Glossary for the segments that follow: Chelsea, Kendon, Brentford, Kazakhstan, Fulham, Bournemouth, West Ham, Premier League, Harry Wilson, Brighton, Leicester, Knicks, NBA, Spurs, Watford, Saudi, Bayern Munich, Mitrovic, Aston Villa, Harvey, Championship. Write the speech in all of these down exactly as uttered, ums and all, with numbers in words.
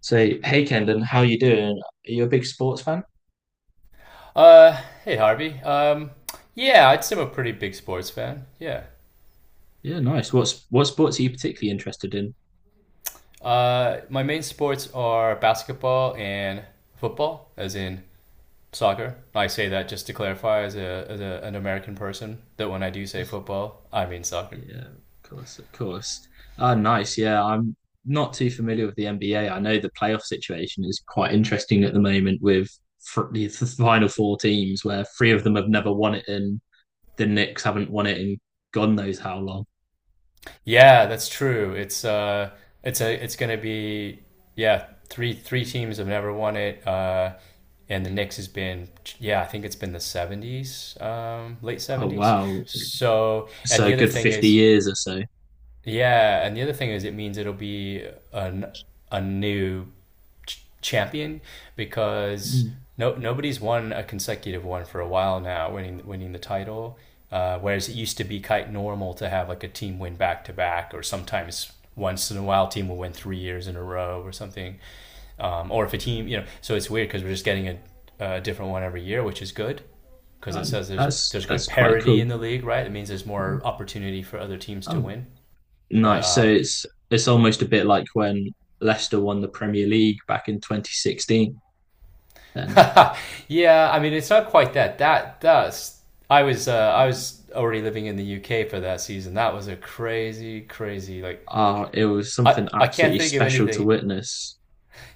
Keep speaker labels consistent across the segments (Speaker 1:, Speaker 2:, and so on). Speaker 1: Say hey Kendon, how you doing? Are you a big sports fan?
Speaker 2: Uh, hey Harvey. Um, yeah, I'd say I'm a pretty big sports fan. Yeah.
Speaker 1: Yeah, nice. What's what sports are you particularly interested in?
Speaker 2: Uh, my main sports are basketball and football, as in soccer. I say that just to clarify, as a as a, an American person, that when I do say football, I mean soccer.
Speaker 1: Yeah, of course, of course. Ah, nice. Yeah, I'm not too familiar with the N B A. I know the playoff situation is quite interesting at the moment with fr- the the final four teams, where three of them have never won it, and the Knicks haven't won it in God knows how long.
Speaker 2: Yeah, that's true. It's uh it's a it's gonna be yeah, three three teams have never won it. Uh and the Knicks has been yeah, I think it's been the seventies, um late
Speaker 1: Oh
Speaker 2: seventies.
Speaker 1: wow,
Speaker 2: So, and
Speaker 1: so a
Speaker 2: the other
Speaker 1: good
Speaker 2: thing
Speaker 1: fifty
Speaker 2: is
Speaker 1: years or so.
Speaker 2: yeah, and the other thing is it means it'll be an, a new ch- champion because
Speaker 1: Mm.
Speaker 2: no nobody's won a consecutive one for a while now, winning winning the title. Uh, whereas it used to be quite normal to have like a team win back to back, or sometimes once in a while team will win three years in a row or something. Um, or if a team, you know, so it's weird because we're just getting a, a different one every year, which is good because it
Speaker 1: Um,
Speaker 2: says there's
Speaker 1: that's
Speaker 2: there's good
Speaker 1: that's quite
Speaker 2: parity
Speaker 1: cool.
Speaker 2: in the league, right? It means there's
Speaker 1: Yeah.
Speaker 2: more opportunity for other teams to
Speaker 1: Oh,
Speaker 2: win. But
Speaker 1: nice. So
Speaker 2: um,
Speaker 1: it's it's almost a bit like when Leicester won the Premier League back in twenty sixteen. Then
Speaker 2: yeah, I mean, it's not quite that. That that's I was uh, I was already living in the U K for that season. That was a crazy, crazy like
Speaker 1: Uh, it was
Speaker 2: I
Speaker 1: something
Speaker 2: I can't
Speaker 1: absolutely
Speaker 2: think of
Speaker 1: special to
Speaker 2: anything.
Speaker 1: witness.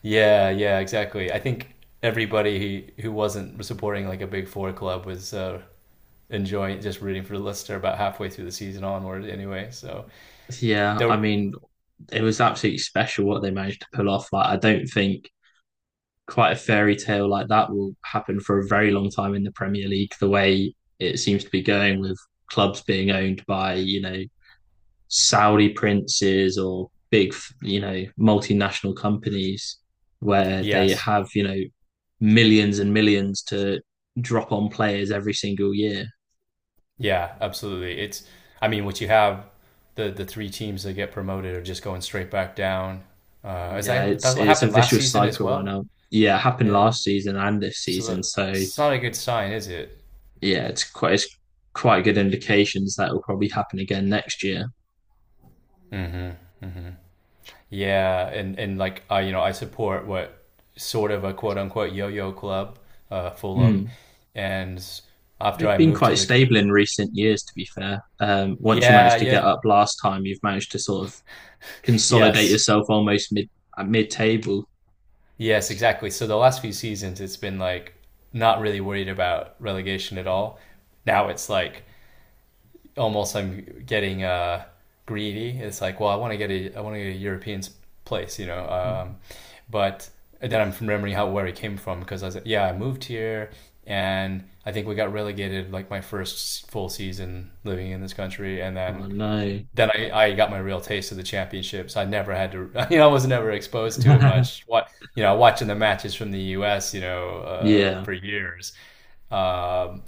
Speaker 2: Yeah, yeah, exactly. I think everybody who who wasn't supporting like a big four club was uh, enjoying just rooting for Leicester about halfway through the season onward. Anyway, so
Speaker 1: Yeah, I
Speaker 2: there.
Speaker 1: mean, it was absolutely special what they managed to pull off. Like, I don't think quite a fairy tale like that will happen for a very long time in the Premier League, the way it seems to be going with clubs being owned by, you know, Saudi princes or big, you know, multinational companies where they
Speaker 2: Yes,
Speaker 1: have, you know, millions and millions to drop on players every single year.
Speaker 2: yeah, absolutely. It's, I mean, what you have the the three teams that get promoted are just going straight back down. Uh, is
Speaker 1: Yeah,
Speaker 2: that
Speaker 1: it's
Speaker 2: that's what
Speaker 1: it's a
Speaker 2: happened last
Speaker 1: vicious
Speaker 2: season as
Speaker 1: cycle right
Speaker 2: well?
Speaker 1: now. Yeah, it happened
Speaker 2: Yeah.
Speaker 1: last season and this
Speaker 2: So
Speaker 1: season.
Speaker 2: that,
Speaker 1: So
Speaker 2: it's not a good sign, is it?
Speaker 1: yeah, it's quite it's quite good indications that will probably happen again next year.
Speaker 2: Yeah, and and like I, you know, I support what sort of a quote unquote yo-yo club, uh, Fulham,
Speaker 1: Mm.
Speaker 2: and after
Speaker 1: They've
Speaker 2: I
Speaker 1: been
Speaker 2: moved to
Speaker 1: quite
Speaker 2: the,
Speaker 1: stable in recent years, to be fair. Um, once you
Speaker 2: yeah,
Speaker 1: managed to get
Speaker 2: yeah,
Speaker 1: up last time, you've managed to sort of consolidate
Speaker 2: yes,
Speaker 1: yourself almost mid at mid table.
Speaker 2: yes, exactly. So the last few seasons, it's been like not really worried about relegation at all. Now it's like almost I'm getting uh, greedy. It's like, well, I want to get a I want to get a European place, you know.
Speaker 1: Mm.
Speaker 2: Um, but then I'm remembering how where it came from because I was like, yeah, I moved here and I think we got relegated like my first full season living in this country, and
Speaker 1: Oh
Speaker 2: then
Speaker 1: no.
Speaker 2: then I, I got my real taste of the championships. I never had to, you know, I was never exposed to it much. What you know, watching the matches from the U S, you know, uh,
Speaker 1: Yeah.
Speaker 2: for years. Um,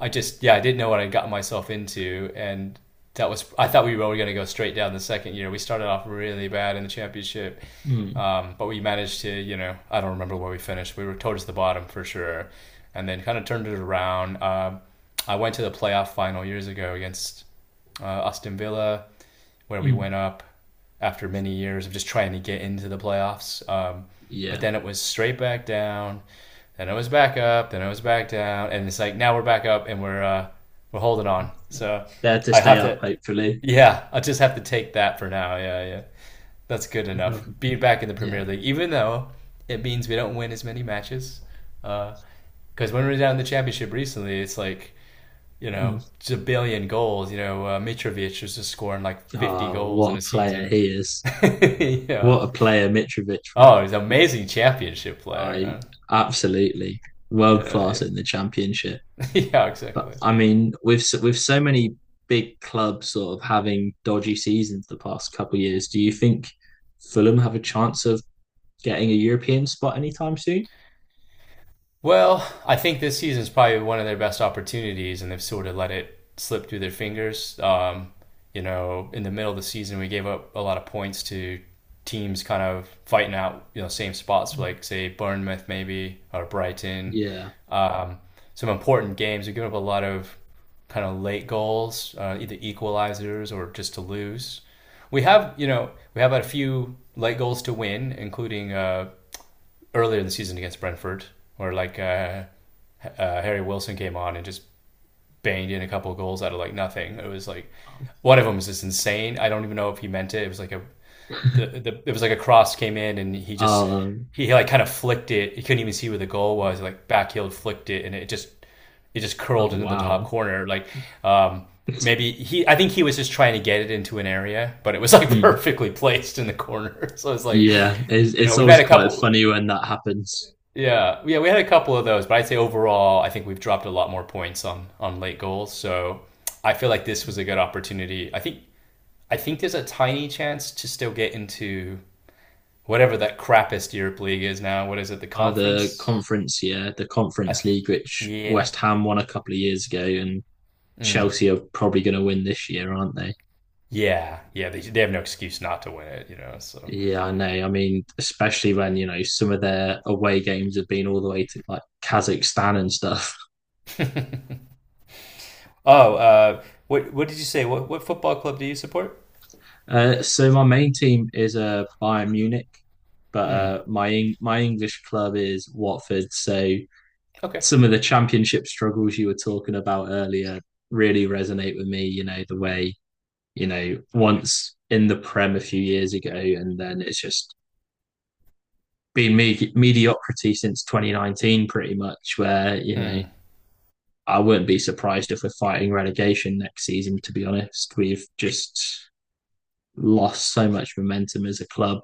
Speaker 2: I just yeah, I didn't know what I'd gotten myself into, and that was I thought we were going to go straight down the second year. We started off really bad in the championship,
Speaker 1: Mm.
Speaker 2: um, but we managed to you know I don't remember where we finished. We were towards the bottom for sure, and then kind of turned it around. Um I went to the playoff final years ago against uh, Austin Villa where we went
Speaker 1: Mm.
Speaker 2: up after many years of just trying to get into the playoffs. Um, but
Speaker 1: Yeah.
Speaker 2: then it was straight back down, then it was back up, then it was back down, and it's like now we're back up and we're uh, we're holding on.
Speaker 1: Yeah.
Speaker 2: So
Speaker 1: There to
Speaker 2: I
Speaker 1: stay
Speaker 2: have
Speaker 1: up,
Speaker 2: to,
Speaker 1: hopefully.
Speaker 2: yeah, I just have to take that for now. Yeah, yeah, that's good
Speaker 1: No
Speaker 2: enough.
Speaker 1: problem.
Speaker 2: Being back in the
Speaker 1: Yeah.
Speaker 2: Premier League, even though it means we don't win as many matches, because uh, when we were down in the Championship recently, it's like you
Speaker 1: Mm.
Speaker 2: know, zillion goals. You know, uh, Mitrovic was just scoring like fifty
Speaker 1: Oh,
Speaker 2: goals
Speaker 1: what
Speaker 2: in a
Speaker 1: a player
Speaker 2: season.
Speaker 1: he is.
Speaker 2: yeah.
Speaker 1: What a player Mitrovic.
Speaker 2: Oh, he's an amazing championship player,
Speaker 1: I
Speaker 2: man.
Speaker 1: absolutely world class
Speaker 2: Yeah,
Speaker 1: in the championship.
Speaker 2: yeah. yeah,
Speaker 1: But
Speaker 2: exactly.
Speaker 1: I mean, with so, with so many big clubs sort of having dodgy seasons the past couple of years, do you think Fulham have a chance of getting a European spot anytime soon?
Speaker 2: Well, I think this season is probably one of their best opportunities, and they've sort of let it slip through their fingers. Um, you know, in the middle of the season, we gave up a lot of points to teams kind of fighting out, you know, same spots like say Bournemouth maybe or Brighton.
Speaker 1: Yeah.
Speaker 2: Um, some important games. We give up a lot of kind of late goals, uh, either equalizers or just to lose. We have, you know, we have a few late goals to win, including uh, earlier in the season against Brentford, where like uh, uh, Harry Wilson came on and just banged in a couple of goals out of like nothing. It was like one of them was just insane. I don't even know if he meant it. It was like a the, the it was like a cross came in and he just
Speaker 1: Um,
Speaker 2: he like kind of flicked it. He couldn't even see where the goal was. Like backheeled, flicked it, and it just it just curled
Speaker 1: oh
Speaker 2: into the top
Speaker 1: wow.
Speaker 2: corner. Like um, maybe he, I think he was just trying to get it into an area, but it was like perfectly placed in the corner. So it's like,
Speaker 1: Yeah, it's,
Speaker 2: you know,
Speaker 1: it's
Speaker 2: we've
Speaker 1: always
Speaker 2: had a
Speaker 1: quite
Speaker 2: couple.
Speaker 1: funny when that happens.
Speaker 2: Yeah, yeah, we had a couple of those, but I'd say overall, I think we've dropped a lot more points on on late goals. So I feel like this was a good opportunity. I think I think there's a tiny chance to still get into whatever that crappiest Europe League is now. What is it? The
Speaker 1: Are the
Speaker 2: conference?
Speaker 1: conference, yeah, the
Speaker 2: I
Speaker 1: conference
Speaker 2: th-
Speaker 1: league, which
Speaker 2: yeah,
Speaker 1: West Ham won a couple of years ago, and Chelsea are probably going to win this year, aren't they?
Speaker 2: yeah, yeah. They they have no excuse not to win it, you know. So
Speaker 1: Yeah, I know. I mean, especially when you know some of their away games have been all the way to like Kazakhstan and stuff.
Speaker 2: oh, uh, what what did you say? What what football club do you support?
Speaker 1: Uh, so my main team is uh, Bayern Munich, but
Speaker 2: Hmm.
Speaker 1: uh, my my English club is Watford. So
Speaker 2: Okay,
Speaker 1: some of the championship struggles you were talking about earlier really resonate with me. You know the way you know, once in the Prem a few years ago, and then it's just been me- mediocrity since twenty nineteen, pretty much. Where you know,
Speaker 2: hmm.
Speaker 1: I wouldn't be surprised if we're fighting relegation next season. To be honest, we've just lost so much momentum as a club.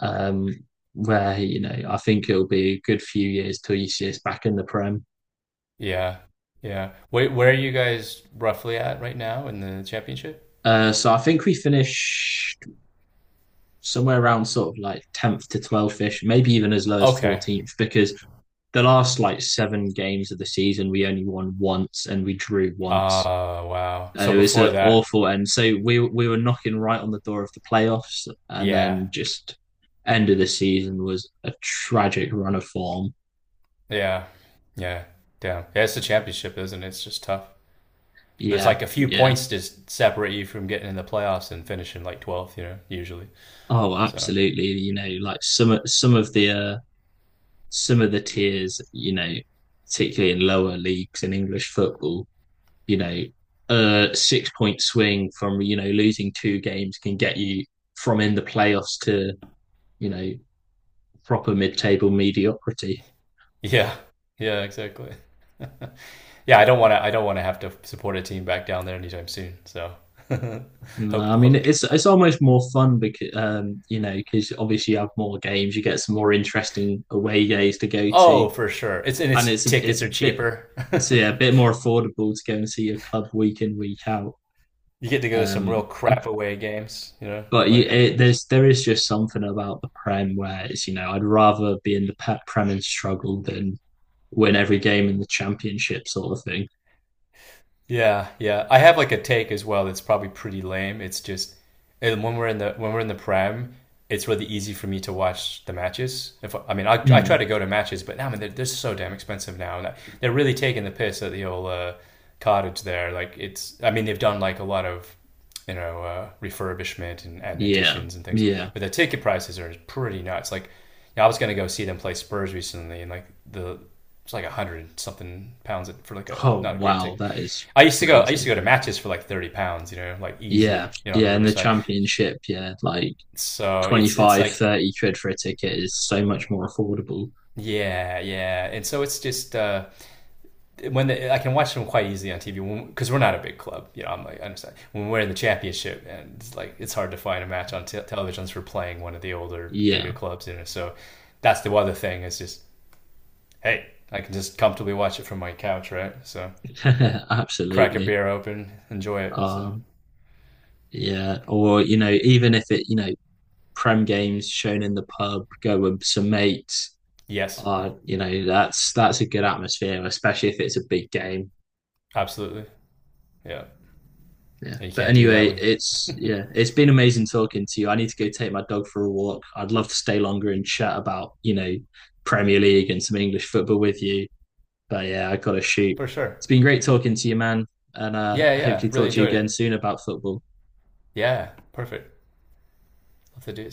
Speaker 1: Um, where you know, I think it'll be a good few years till you see us back in the Prem.
Speaker 2: Yeah, yeah. Wait, where are you guys roughly at right now in the championship?
Speaker 1: Uh, so I think we finished somewhere around sort of like tenth to twelfth ish, maybe even as low as
Speaker 2: Okay.
Speaker 1: fourteenth, because the last like seven games of the season, we only won once and we drew once.
Speaker 2: Uh, wow. So
Speaker 1: And it was
Speaker 2: before
Speaker 1: an
Speaker 2: that,
Speaker 1: awful end. So we we were knocking right on the door of the playoffs, and
Speaker 2: yeah,
Speaker 1: then just end of the season was a tragic run of form.
Speaker 2: yeah, yeah, damn. Yeah, it's the championship, isn't it? It's just tough. There's
Speaker 1: Yeah,
Speaker 2: like a few
Speaker 1: yeah.
Speaker 2: points to s- separate you from getting in the playoffs and finishing like twelfth, you know, usually.
Speaker 1: Oh,
Speaker 2: So
Speaker 1: absolutely. You know, like some some of the uh, some of the tiers, you know, particularly in lower leagues in English football, you know, a six point swing from, you know, losing two games can get you from in the playoffs to, you know, proper mid table mediocrity.
Speaker 2: yeah, yeah, exactly. Yeah, I don't want to. I don't want to have to support a team back down there anytime soon. So
Speaker 1: No,
Speaker 2: hope,
Speaker 1: I mean
Speaker 2: hope.
Speaker 1: it's it's almost more fun because um, you know because obviously you have more games, you get some more interesting away days to go to,
Speaker 2: Oh, for sure. It's and its
Speaker 1: and it's a,
Speaker 2: tickets
Speaker 1: it's a
Speaker 2: are
Speaker 1: bit,
Speaker 2: cheaper.
Speaker 1: so yeah, a bit more affordable to go and see your club week in week out.
Speaker 2: You get to go to some real
Speaker 1: Um,
Speaker 2: crap away games, you know,
Speaker 1: But you,
Speaker 2: like.
Speaker 1: it, there's there is just something about the Prem where it's you know I'd rather be in the Prem and struggle than win every game in the Championship sort of thing.
Speaker 2: Yeah, yeah. I have like a take as well that's probably pretty lame. It's just and when we're in the when we're in the prem, it's really easy for me to watch the matches. If I mean, I, I try
Speaker 1: Mm.
Speaker 2: to go to matches, but now I mean, they're, they're so damn expensive now. And they're really taking the piss at the old uh, cottage there. Like it's, I mean, they've done like a lot of you know uh, refurbishment and, and
Speaker 1: Yeah,
Speaker 2: additions and things,
Speaker 1: yeah.
Speaker 2: but the ticket prices are pretty nuts. Like, yeah, I was gonna go see them play Spurs recently, and like the it's like a hundred something pounds for like a
Speaker 1: Oh
Speaker 2: not a great
Speaker 1: wow,
Speaker 2: ticket.
Speaker 1: that is
Speaker 2: I used to go. I used to
Speaker 1: crazy.
Speaker 2: go to matches for like thirty pounds. You know, like easy.
Speaker 1: Yeah,
Speaker 2: You know, on the
Speaker 1: yeah. In the
Speaker 2: Riverside.
Speaker 1: Championship, yeah, like
Speaker 2: So
Speaker 1: twenty
Speaker 2: it's it's
Speaker 1: five,
Speaker 2: like
Speaker 1: thirty quid for a ticket is so much more affordable.
Speaker 2: yeah, yeah. And so it's just uh, when the, I can watch them quite easily on T V because we're not a big club. You know, I'm like I understand when we're in the championship and it's like it's hard to find a match on te- television for playing one of the older bigger
Speaker 1: Yeah,
Speaker 2: clubs. You know, so that's the other thing is just hey, I can just comfortably watch it from my couch, right? So crack a
Speaker 1: absolutely.
Speaker 2: beer open, enjoy it. So
Speaker 1: Um, yeah, or you know, even if it you know Prem games shown in the pub, go with some mates.
Speaker 2: yes,
Speaker 1: Uh, you know that's that's a good atmosphere, especially if it's a big game.
Speaker 2: absolutely, yeah.
Speaker 1: Yeah.
Speaker 2: You
Speaker 1: But
Speaker 2: can't do
Speaker 1: anyway,
Speaker 2: that with
Speaker 1: it's yeah, it's been amazing talking to you. I need to go take my dog for a walk. I'd love to stay longer and chat about, you know, Premier League and some English football with you. But yeah, I gotta shoot.
Speaker 2: for sure.
Speaker 1: It's been great talking to you, man. And uh
Speaker 2: Yeah, yeah.
Speaker 1: hopefully
Speaker 2: Really
Speaker 1: talk to you
Speaker 2: enjoyed
Speaker 1: again
Speaker 2: it.
Speaker 1: soon about football.
Speaker 2: Yeah, perfect. Love to do it soon.